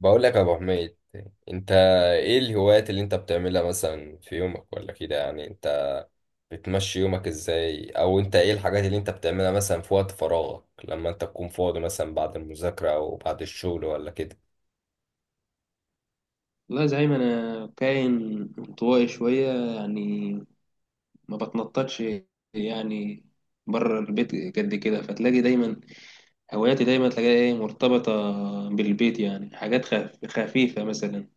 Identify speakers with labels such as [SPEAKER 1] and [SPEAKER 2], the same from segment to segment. [SPEAKER 1] بقول لك يا ابو حميد. انت، ايه الهوايات اللي انت بتعملها مثلا في يومك ولا كده؟ يعني انت بتمشي يومك ازاي؟ او انت ايه الحاجات اللي انت بتعملها مثلا في وقت فراغك لما انت تكون فاضي مثلا بعد المذاكرة او بعد الشغل ولا كده؟
[SPEAKER 2] والله زعيم، انا كائن انطوائي شويه، يعني ما بتنططش يعني بره البيت قد كده. فتلاقي دايما هواياتي دايما تلاقيها ايه، مرتبطه بالبيت، يعني حاجات خفيفه مثلا.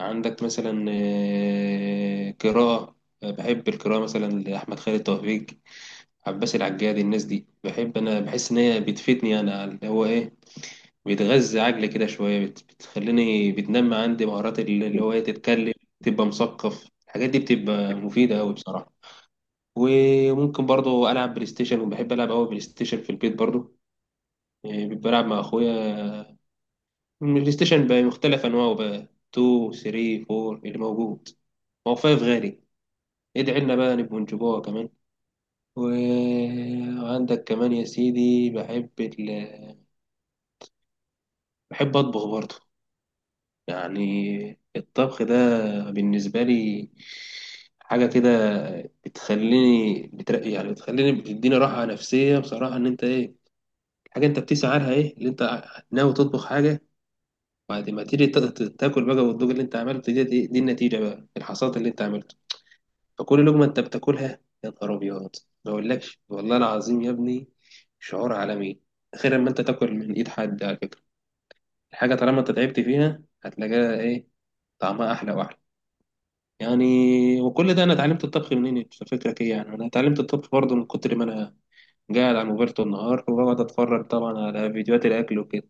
[SPEAKER 2] عندك مثلا قراءه. بحب القراءه مثلا لاحمد خالد توفيق، عباس العجاد، الناس دي بحب. انا بحس ان هي بتفيدني انا اللي هو ايه، بيتغذى عقلي كده شوية، بتخليني بتنمي عندي مهارات اللي هو إيه، تتكلم، تبقى مثقف. الحاجات دي بتبقى مفيدة أوي بصراحة. وممكن برضو ألعب بلاي ستيشن، وبحب ألعب أوي بلاي ستيشن في البيت برضو. إيه، بلعب مع أخويا. البلاي ستيشن بقى مختلف أنواعه بقى، 2 3 4 اللي موجود، هو 5 غالي. ادعي لنا بقى نبقوا نجيبوها كمان. و- وعندك كمان يا سيدي، بحب بحب أطبخ برضو. يعني الطبخ ده بالنسبة لي حاجة كده بتخليني بترقي، يعني بتخليني بتديني راحة نفسية بصراحة، إن أنت إيه، حاجة أنت بتسعى لها، إيه اللي أنت ناوي تطبخ حاجة، بعد ما تيجي تاكل بقى، والدوق اللي أنت عملته، دي النتيجة بقى، الحصاد اللي أنت عملته. فكل لقمة أنت بتاكلها يا نهار أبيض، ما أقولكش والله العظيم يا ابني، شعور عالمي غير لما أنت تاكل من إيد حد على فكرة. الحاجة طالما أنت تعبت فيها هتلاقيها إيه، طعمها أحلى وأحلى يعني. وكل ده، انا اتعلمت الطبخ منين انت فكرك ايه؟ يعني انا اتعلمت الطبخ برضه من كتر ما انا قاعد على الموبايل طول النهار، وبقعد اتفرج طبعا على فيديوهات الاكل وكده.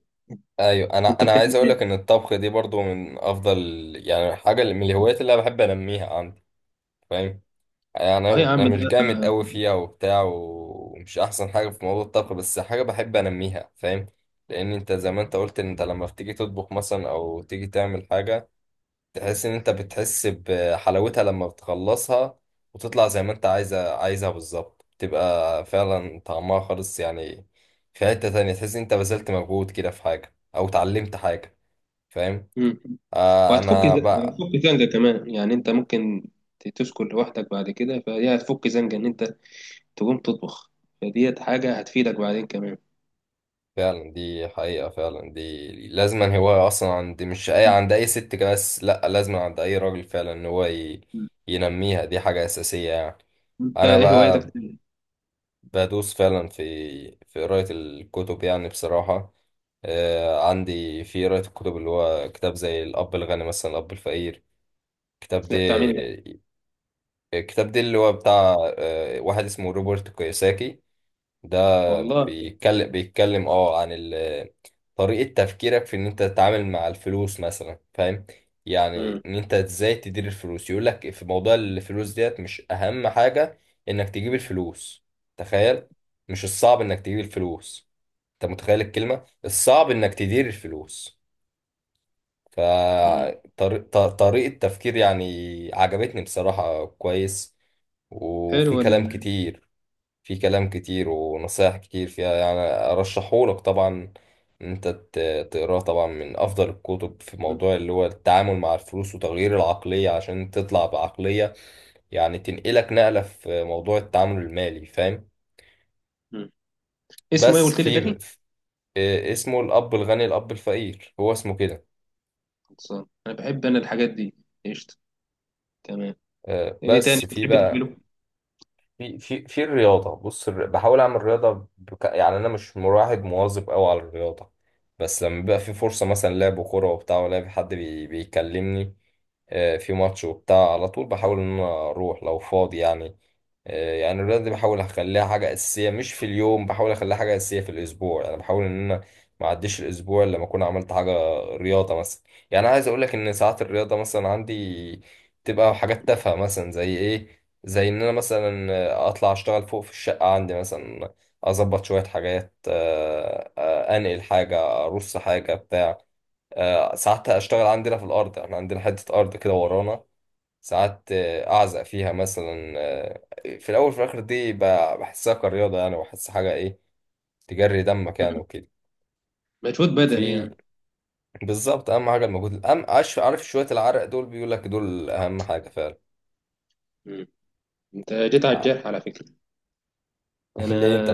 [SPEAKER 1] ايوه، انا
[SPEAKER 2] انت
[SPEAKER 1] انا عايز
[SPEAKER 2] بتعمل
[SPEAKER 1] اقول لك ان
[SPEAKER 2] ايه؟
[SPEAKER 1] الطبخ دي برضو من افضل يعني حاجة من الهوايات اللي انا بحب انميها عندي، فاهم؟ يعني
[SPEAKER 2] اه يا
[SPEAKER 1] انا
[SPEAKER 2] عم ده.
[SPEAKER 1] مش جامد قوي فيها وبتاع، ومش احسن حاجه في موضوع الطبخ، بس حاجه بحب انميها، فاهم؟ لان انت زي ما انت قلت، ان انت لما بتيجي تطبخ مثلا او تيجي تعمل حاجه، تحس ان انت بتحس بحلاوتها لما بتخلصها، وتطلع زي ما انت عايزها بالظبط، تبقى فعلا طعمها خالص يعني. في حته تانية، تحس ان انت بذلت مجهود كده في حاجه او اتعلمت حاجه، فاهم؟
[SPEAKER 2] مم.
[SPEAKER 1] آه،
[SPEAKER 2] وهتفك
[SPEAKER 1] انا بقى،
[SPEAKER 2] هتفك زنقه كمان، يعني انت ممكن تسكن لوحدك بعد كده، فدي هتفك زنقه ان انت تقوم تطبخ، فديت حاجه هتفيدك بعدين كمان.
[SPEAKER 1] فعلا دي حقيقة، فعلا دي لازما هواية أصلا عند، مش أي، عند أي ست كده، بس لأ، لازما عند أي راجل فعلا، إن هو
[SPEAKER 2] مم.
[SPEAKER 1] ينميها. دي حاجة أساسية يعني.
[SPEAKER 2] انت
[SPEAKER 1] أنا
[SPEAKER 2] ايه هوايتك
[SPEAKER 1] بقى
[SPEAKER 2] تاني؟
[SPEAKER 1] بدوس فعلا في في قراية الكتب يعني، بصراحة، آه، عندي في قراية الكتب اللي هو كتاب زي الأب الغني مثلا، الأب الفقير. الكتاب ده
[SPEAKER 2] لا، بتعمل ده.
[SPEAKER 1] الكتاب ده اللي هو بتاع آه واحد اسمه روبرت كيوساكي. ده
[SPEAKER 2] والله.
[SPEAKER 1] بيتكلم اه عن طريقة تفكيرك في ان انت تتعامل مع الفلوس مثلا، فاهم؟ يعني
[SPEAKER 2] مم.
[SPEAKER 1] ان انت ازاي تدير الفلوس. يقول لك في موضوع الفلوس ديت مش اهم حاجة انك تجيب الفلوس، تخيل، مش الصعب انك تجيب الفلوس، انت متخيل الكلمة، الصعب انك تدير الفلوس. ف
[SPEAKER 2] مم.
[SPEAKER 1] طريقة تفكير يعني، عجبتني بصراحة، كويس.
[SPEAKER 2] حلو
[SPEAKER 1] وفي كلام كتير في كلام كتير ونصايح كتير فيها يعني، أرشحهولك طبعا إن أنت تقراه. طبعا من أفضل الكتب في
[SPEAKER 2] مم.
[SPEAKER 1] موضوع اللي هو التعامل مع الفلوس وتغيير العقلية، عشان تطلع بعقلية يعني تنقلك نقلة في موضوع التعامل المالي، فاهم؟
[SPEAKER 2] مم. اسمه ايه
[SPEAKER 1] بس
[SPEAKER 2] قلت لي
[SPEAKER 1] في
[SPEAKER 2] تاني؟
[SPEAKER 1] آه، اسمه الأب الغني الأب الفقير، هو اسمه كده.
[SPEAKER 2] خلصان انا بحب انا الحاجات دي. قشطه، تمام.
[SPEAKER 1] آه،
[SPEAKER 2] ايه تاني
[SPEAKER 1] بس في
[SPEAKER 2] بتحب
[SPEAKER 1] بقى
[SPEAKER 2] تعمله؟
[SPEAKER 1] في في في الرياضة، بص، بحاول أعمل رياضة يعني أنا مش مواظب أوي على الرياضة، بس لما بيبقى في فرصة مثلا لعب كورة وبتاع، ولا في حد بيكلمني آه، في ماتش وبتاع، على طول بحاول إن أنا أروح لو فاضي يعني. آه، يعني الرياضة دي بحاول أخليها حاجة أساسية، مش في اليوم بحاول أخليها حاجة أساسية في الأسبوع يعني، بحاول إن أنا ما أعديش الأسبوع إلا لما أكون عملت حاجة رياضة مثلا. يعني عايز أقولك إن ساعات الرياضة مثلا عندي تبقى حاجات تافهة مثلا زي إيه، زي ان انا مثلا اطلع اشتغل فوق في الشقة عندي مثلا، اظبط شوية حاجات، انقل حاجة، ارص حاجة بتاع. ساعات اشتغل عندنا في الارض، احنا عندنا حتة ارض كده ورانا، ساعات اعزق فيها مثلا، في الاول في الاخر دي بحسها كرياضة يعني، وبحس حاجة ايه، تجري دمك يعني
[SPEAKER 2] مم.
[SPEAKER 1] وكده.
[SPEAKER 2] مجهود بدني
[SPEAKER 1] في
[SPEAKER 2] يعني.
[SPEAKER 1] بالظبط اهم حاجة المجهود، عارف، شوية العرق دول بيقول لك دول اهم حاجة فعلا.
[SPEAKER 2] مم. انت جيت على الجرح على فكره. انا،
[SPEAKER 1] ليه انت؟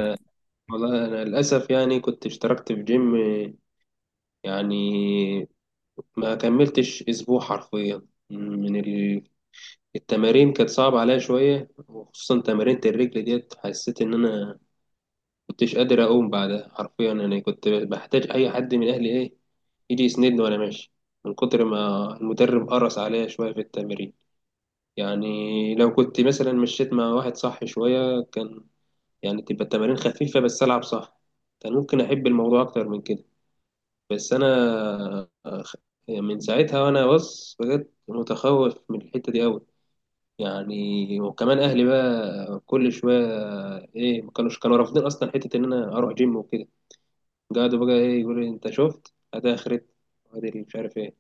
[SPEAKER 2] والله انا للاسف يعني كنت اشتركت في جيم، يعني ما كملتش اسبوع حرفيا، من ال... التمارين كانت صعبة عليا شوية، وخصوصا تمارين الرجل ديت، حسيت إن أنا كنتش قادر أقوم بعدها حرفيا. أنا كنت بحتاج أي حد من أهلي إيه، ايدي يسندني وانا ماشي، من كتر ما المدرب قرص عليا شويه في التمرين. يعني لو كنت مثلا مشيت مع واحد صح شويه، كان يعني تبقى التمارين خفيفه بس العب صح، كان ممكن احب الموضوع اكتر من كده. بس انا أخ- من ساعتها وانا بص بجد متخوف من الحته دي قوي. يعني وكمان اهلي بقى كل شويه ايه، ما كانوش كانوا رافضين اصلا حته ان انا اروح جيم وكده. قعدوا بقى ايه يقولوا لي، انت شفت ادي اخرت، وادي مش عارف ايه.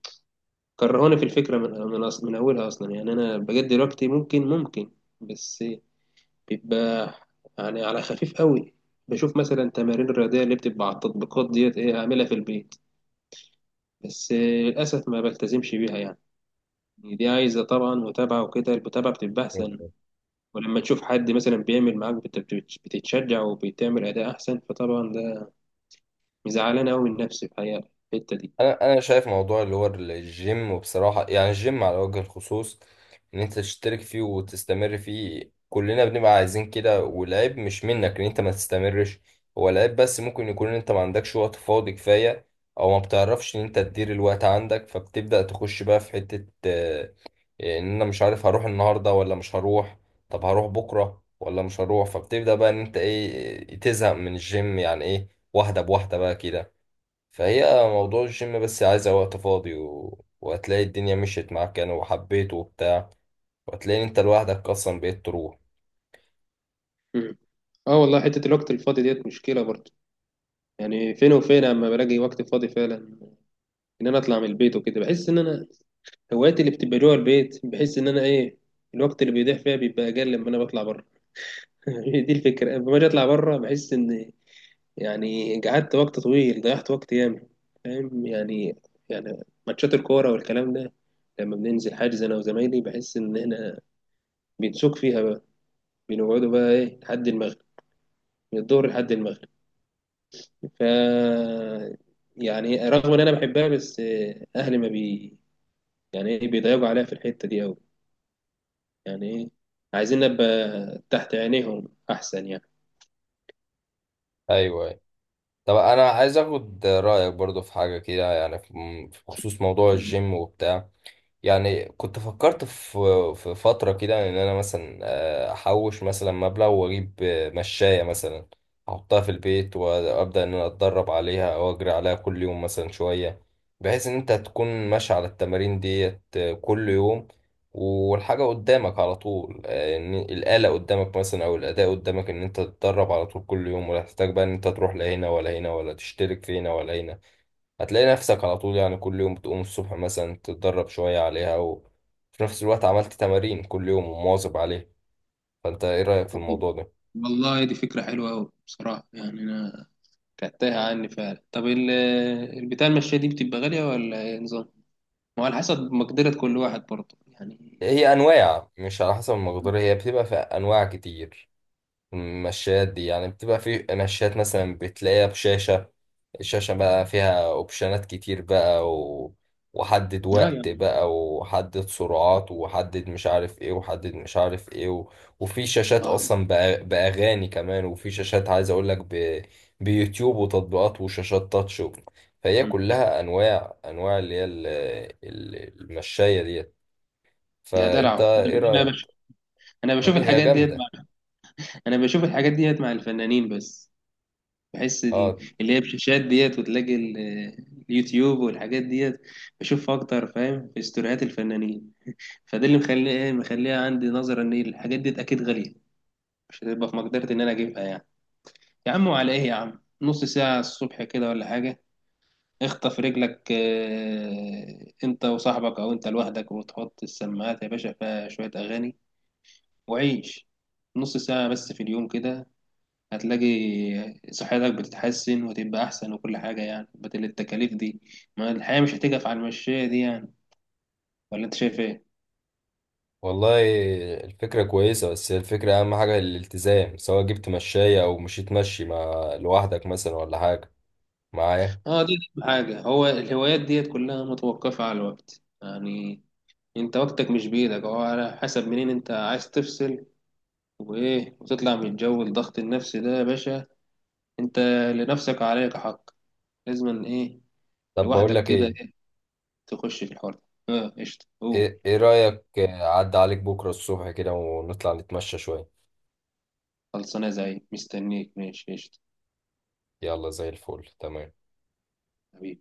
[SPEAKER 2] كرهوني في الفكرة من أولها أصلا. يعني أنا بجد دلوقتي ممكن، بس بيبقى يعني على خفيف قوي. بشوف مثلا تمارين الرياضية اللي بتبقى على التطبيقات ديت إيه، أعملها في البيت، بس للأسف ما بلتزمش بيها يعني. دي عايزة طبعا متابعة، وكده المتابعة بتبقى أحسن.
[SPEAKER 1] بت...
[SPEAKER 2] ولما تشوف حد مثلا بيعمل معاك، بتتشجع، وبتعمل أداء أحسن، فطبعا ده مزعلان أوي من نفسي الحقيقة، في الحقيقة الحتة دي.
[SPEAKER 1] انا شايف موضوع اللي هو الجيم، وبصراحه يعني الجيم على وجه الخصوص، ان انت تشترك فيه وتستمر فيه كلنا بنبقى عايزين كده، والعيب مش منك ان انت ما تستمرش. هو العيب بس ممكن يكون ان انت ما عندكش وقت فاضي كفايه، او ما بتعرفش ان انت تدير الوقت عندك، فبتبدا تخش بقى في حته آه، ان انا مش عارف هروح النهارده ولا مش هروح، طب هروح بكره ولا مش هروح، فبتبدا بقى ان انت ايه آه، تزهق من الجيم يعني ايه، واحده بواحده بقى كده. فهي موضوع الجيم بس عايزة وقت فاضي وهتلاقي الدنيا مشيت معاك يعني وحبيته وبتاع، وهتلاقي انت لوحدك اصلا بقيت تروح.
[SPEAKER 2] مم. اه والله، حتة الوقت الفاضي ديت مشكلة برضه. يعني فين وفين اما بلاقي وقت فاضي فعلا، ان انا اطلع من البيت وكده. بحس ان انا هواياتي اللي بتبقى جوه البيت، بحس ان انا ايه، الوقت اللي بيضيع فيها بيبقى اقل لما انا بطلع بره. هي دي الفكره، لما باجي اطلع بره بحس ان يعني قعدت وقت طويل، ضيعت وقت ياما، فاهم يعني. يعني ماتشات الكوره والكلام ده، لما بننزل حاجز انا وزمايلي، بحس ان احنا بنسوق فيها بقى، بنقعدوا بقى ايه لحد المغرب، من الظهر لحد المغرب. ف يعني رغم ان انا بحبها، بس اهلي ما بي، يعني ايه بيضايقوا عليها في الحته دي قوي، يعني ايه، عايزين نبقى تحت عينيهم احسن يعني.
[SPEAKER 1] ايوه، ايوه، طب انا عايز اخد رأيك برضو في حاجة كده يعني، في في خصوص موضوع
[SPEAKER 2] مم.
[SPEAKER 1] الجيم وبتاع، يعني كنت فكرت في في فترة كده إن أنا مثلا آه، أحوش مثلا مبلغ وأجيب آه، مشاية مثلا، أحطها في البيت وأبدأ إن أنا أتدرب عليها أو أجري عليها كل يوم مثلا شوية، بحيث إن أنت تكون ماشي على التمارين ديت آه، كل يوم، والحاجة قدامك على طول آه، إن الآلة قدامك مثلا أو الأداء قدامك، إن أنت تتدرب على طول كل يوم ولا تحتاج بقى إن أنت تروح لا هنا ولا هنا، ولا تشترك في هنا ولا هنا. هتلاقي نفسك على طول يعني كل يوم بتقوم الصبح مثلا تتدرب شوية عليها، وفي نفس الوقت عملت تمارين كل يوم ومواظب عليها. فانت ايه رأيك في الموضوع ده؟
[SPEAKER 2] والله دي فكرة حلوة أوي بصراحة، يعني أنا كانت تايهة عني فعلا. طب البتاع المشاية دي بتبقى غالية ولا إيه نظام؟ وعلى حسب مقدرة كل واحد برضه يعني.
[SPEAKER 1] هي انواع، مش على حسب المقدار، هي بتبقى في انواع كتير. المشات دي يعني بتبقى في مشات مثلا بتلاقيها بشاشة، الشاشة بقى فيها اوبشنات كتير بقى وحدد
[SPEAKER 2] اه
[SPEAKER 1] وقت
[SPEAKER 2] يعني.
[SPEAKER 1] بقى، وحدد سرعات، وحدد مش عارف ايه، وحدد مش عارف ايه وفي شاشات
[SPEAKER 2] اه.
[SPEAKER 1] اصلا بأغاني كمان، وفي شاشات عايز اقول لك بيوتيوب وتطبيقات وشاشات تاتش فهي
[SPEAKER 2] مم.
[SPEAKER 1] كلها انواع اللي هي المشاية ديت.
[SPEAKER 2] يا
[SPEAKER 1] فانت
[SPEAKER 2] دلع انا،
[SPEAKER 1] ايه
[SPEAKER 2] أنا
[SPEAKER 1] رأيك؟
[SPEAKER 2] بش... انا بشوف
[SPEAKER 1] حاجة هي
[SPEAKER 2] الحاجات ديت
[SPEAKER 1] جامدة.
[SPEAKER 2] مع... انا بشوف الحاجات ديت مع الفنانين بس. بحس
[SPEAKER 1] اه
[SPEAKER 2] اللي هي بشاشات ديت، وتلاقي اليوتيوب والحاجات ديت، بشوف اكتر فاهم في استوريات الفنانين. فده اللي مخليه ايه، مخليها عندي نظرة ان الحاجات دي اكيد غالية، مش هتبقى في مقدرتي ان انا اجيبها يعني. يا عم، وعلى ايه يا عم، نص ساعة الصبح كده ولا حاجة، اخطف رجلك انت وصاحبك او انت لوحدك، وتحط السماعات يا باشا فيها شوية اغاني، وعيش. نص ساعة بس في اليوم كده، هتلاقي صحتك بتتحسن وتبقى احسن وكل حاجة، يعني بدل التكاليف دي، ما الحياة مش هتقف على المشاية دي يعني. ولا انت شايف ايه؟
[SPEAKER 1] والله الفكرة كويسة، بس هي الفكرة أهم حاجة الالتزام، سواء جبت مشاية أو مشيت مشي مع لوحدك مثلا ولا حاجة، معايا؟
[SPEAKER 2] اه دي أهم حاجة، هو الهوايات ديت كلها متوقفة على الوقت يعني. انت وقتك مش بإيدك، هو على حسب منين انت عايز تفصل، وايه، وتطلع من جو الضغط النفسي ده يا باشا. انت لنفسك عليك حق، لازم ايه،
[SPEAKER 1] طب بقول
[SPEAKER 2] لوحدك
[SPEAKER 1] لك
[SPEAKER 2] كده
[SPEAKER 1] إيه،
[SPEAKER 2] ايه، تخش في الحوار ده. اه قشطة، اوه.
[SPEAKER 1] إيه رأيك، عدى عليك بكرة الصبح كده ونطلع نتمشى شوية؟
[SPEAKER 2] خلصانة، زي مستنيك، ماشي قشطة.
[SPEAKER 1] يلا، زي الفل، تمام.
[SPEAKER 2] حبيبي.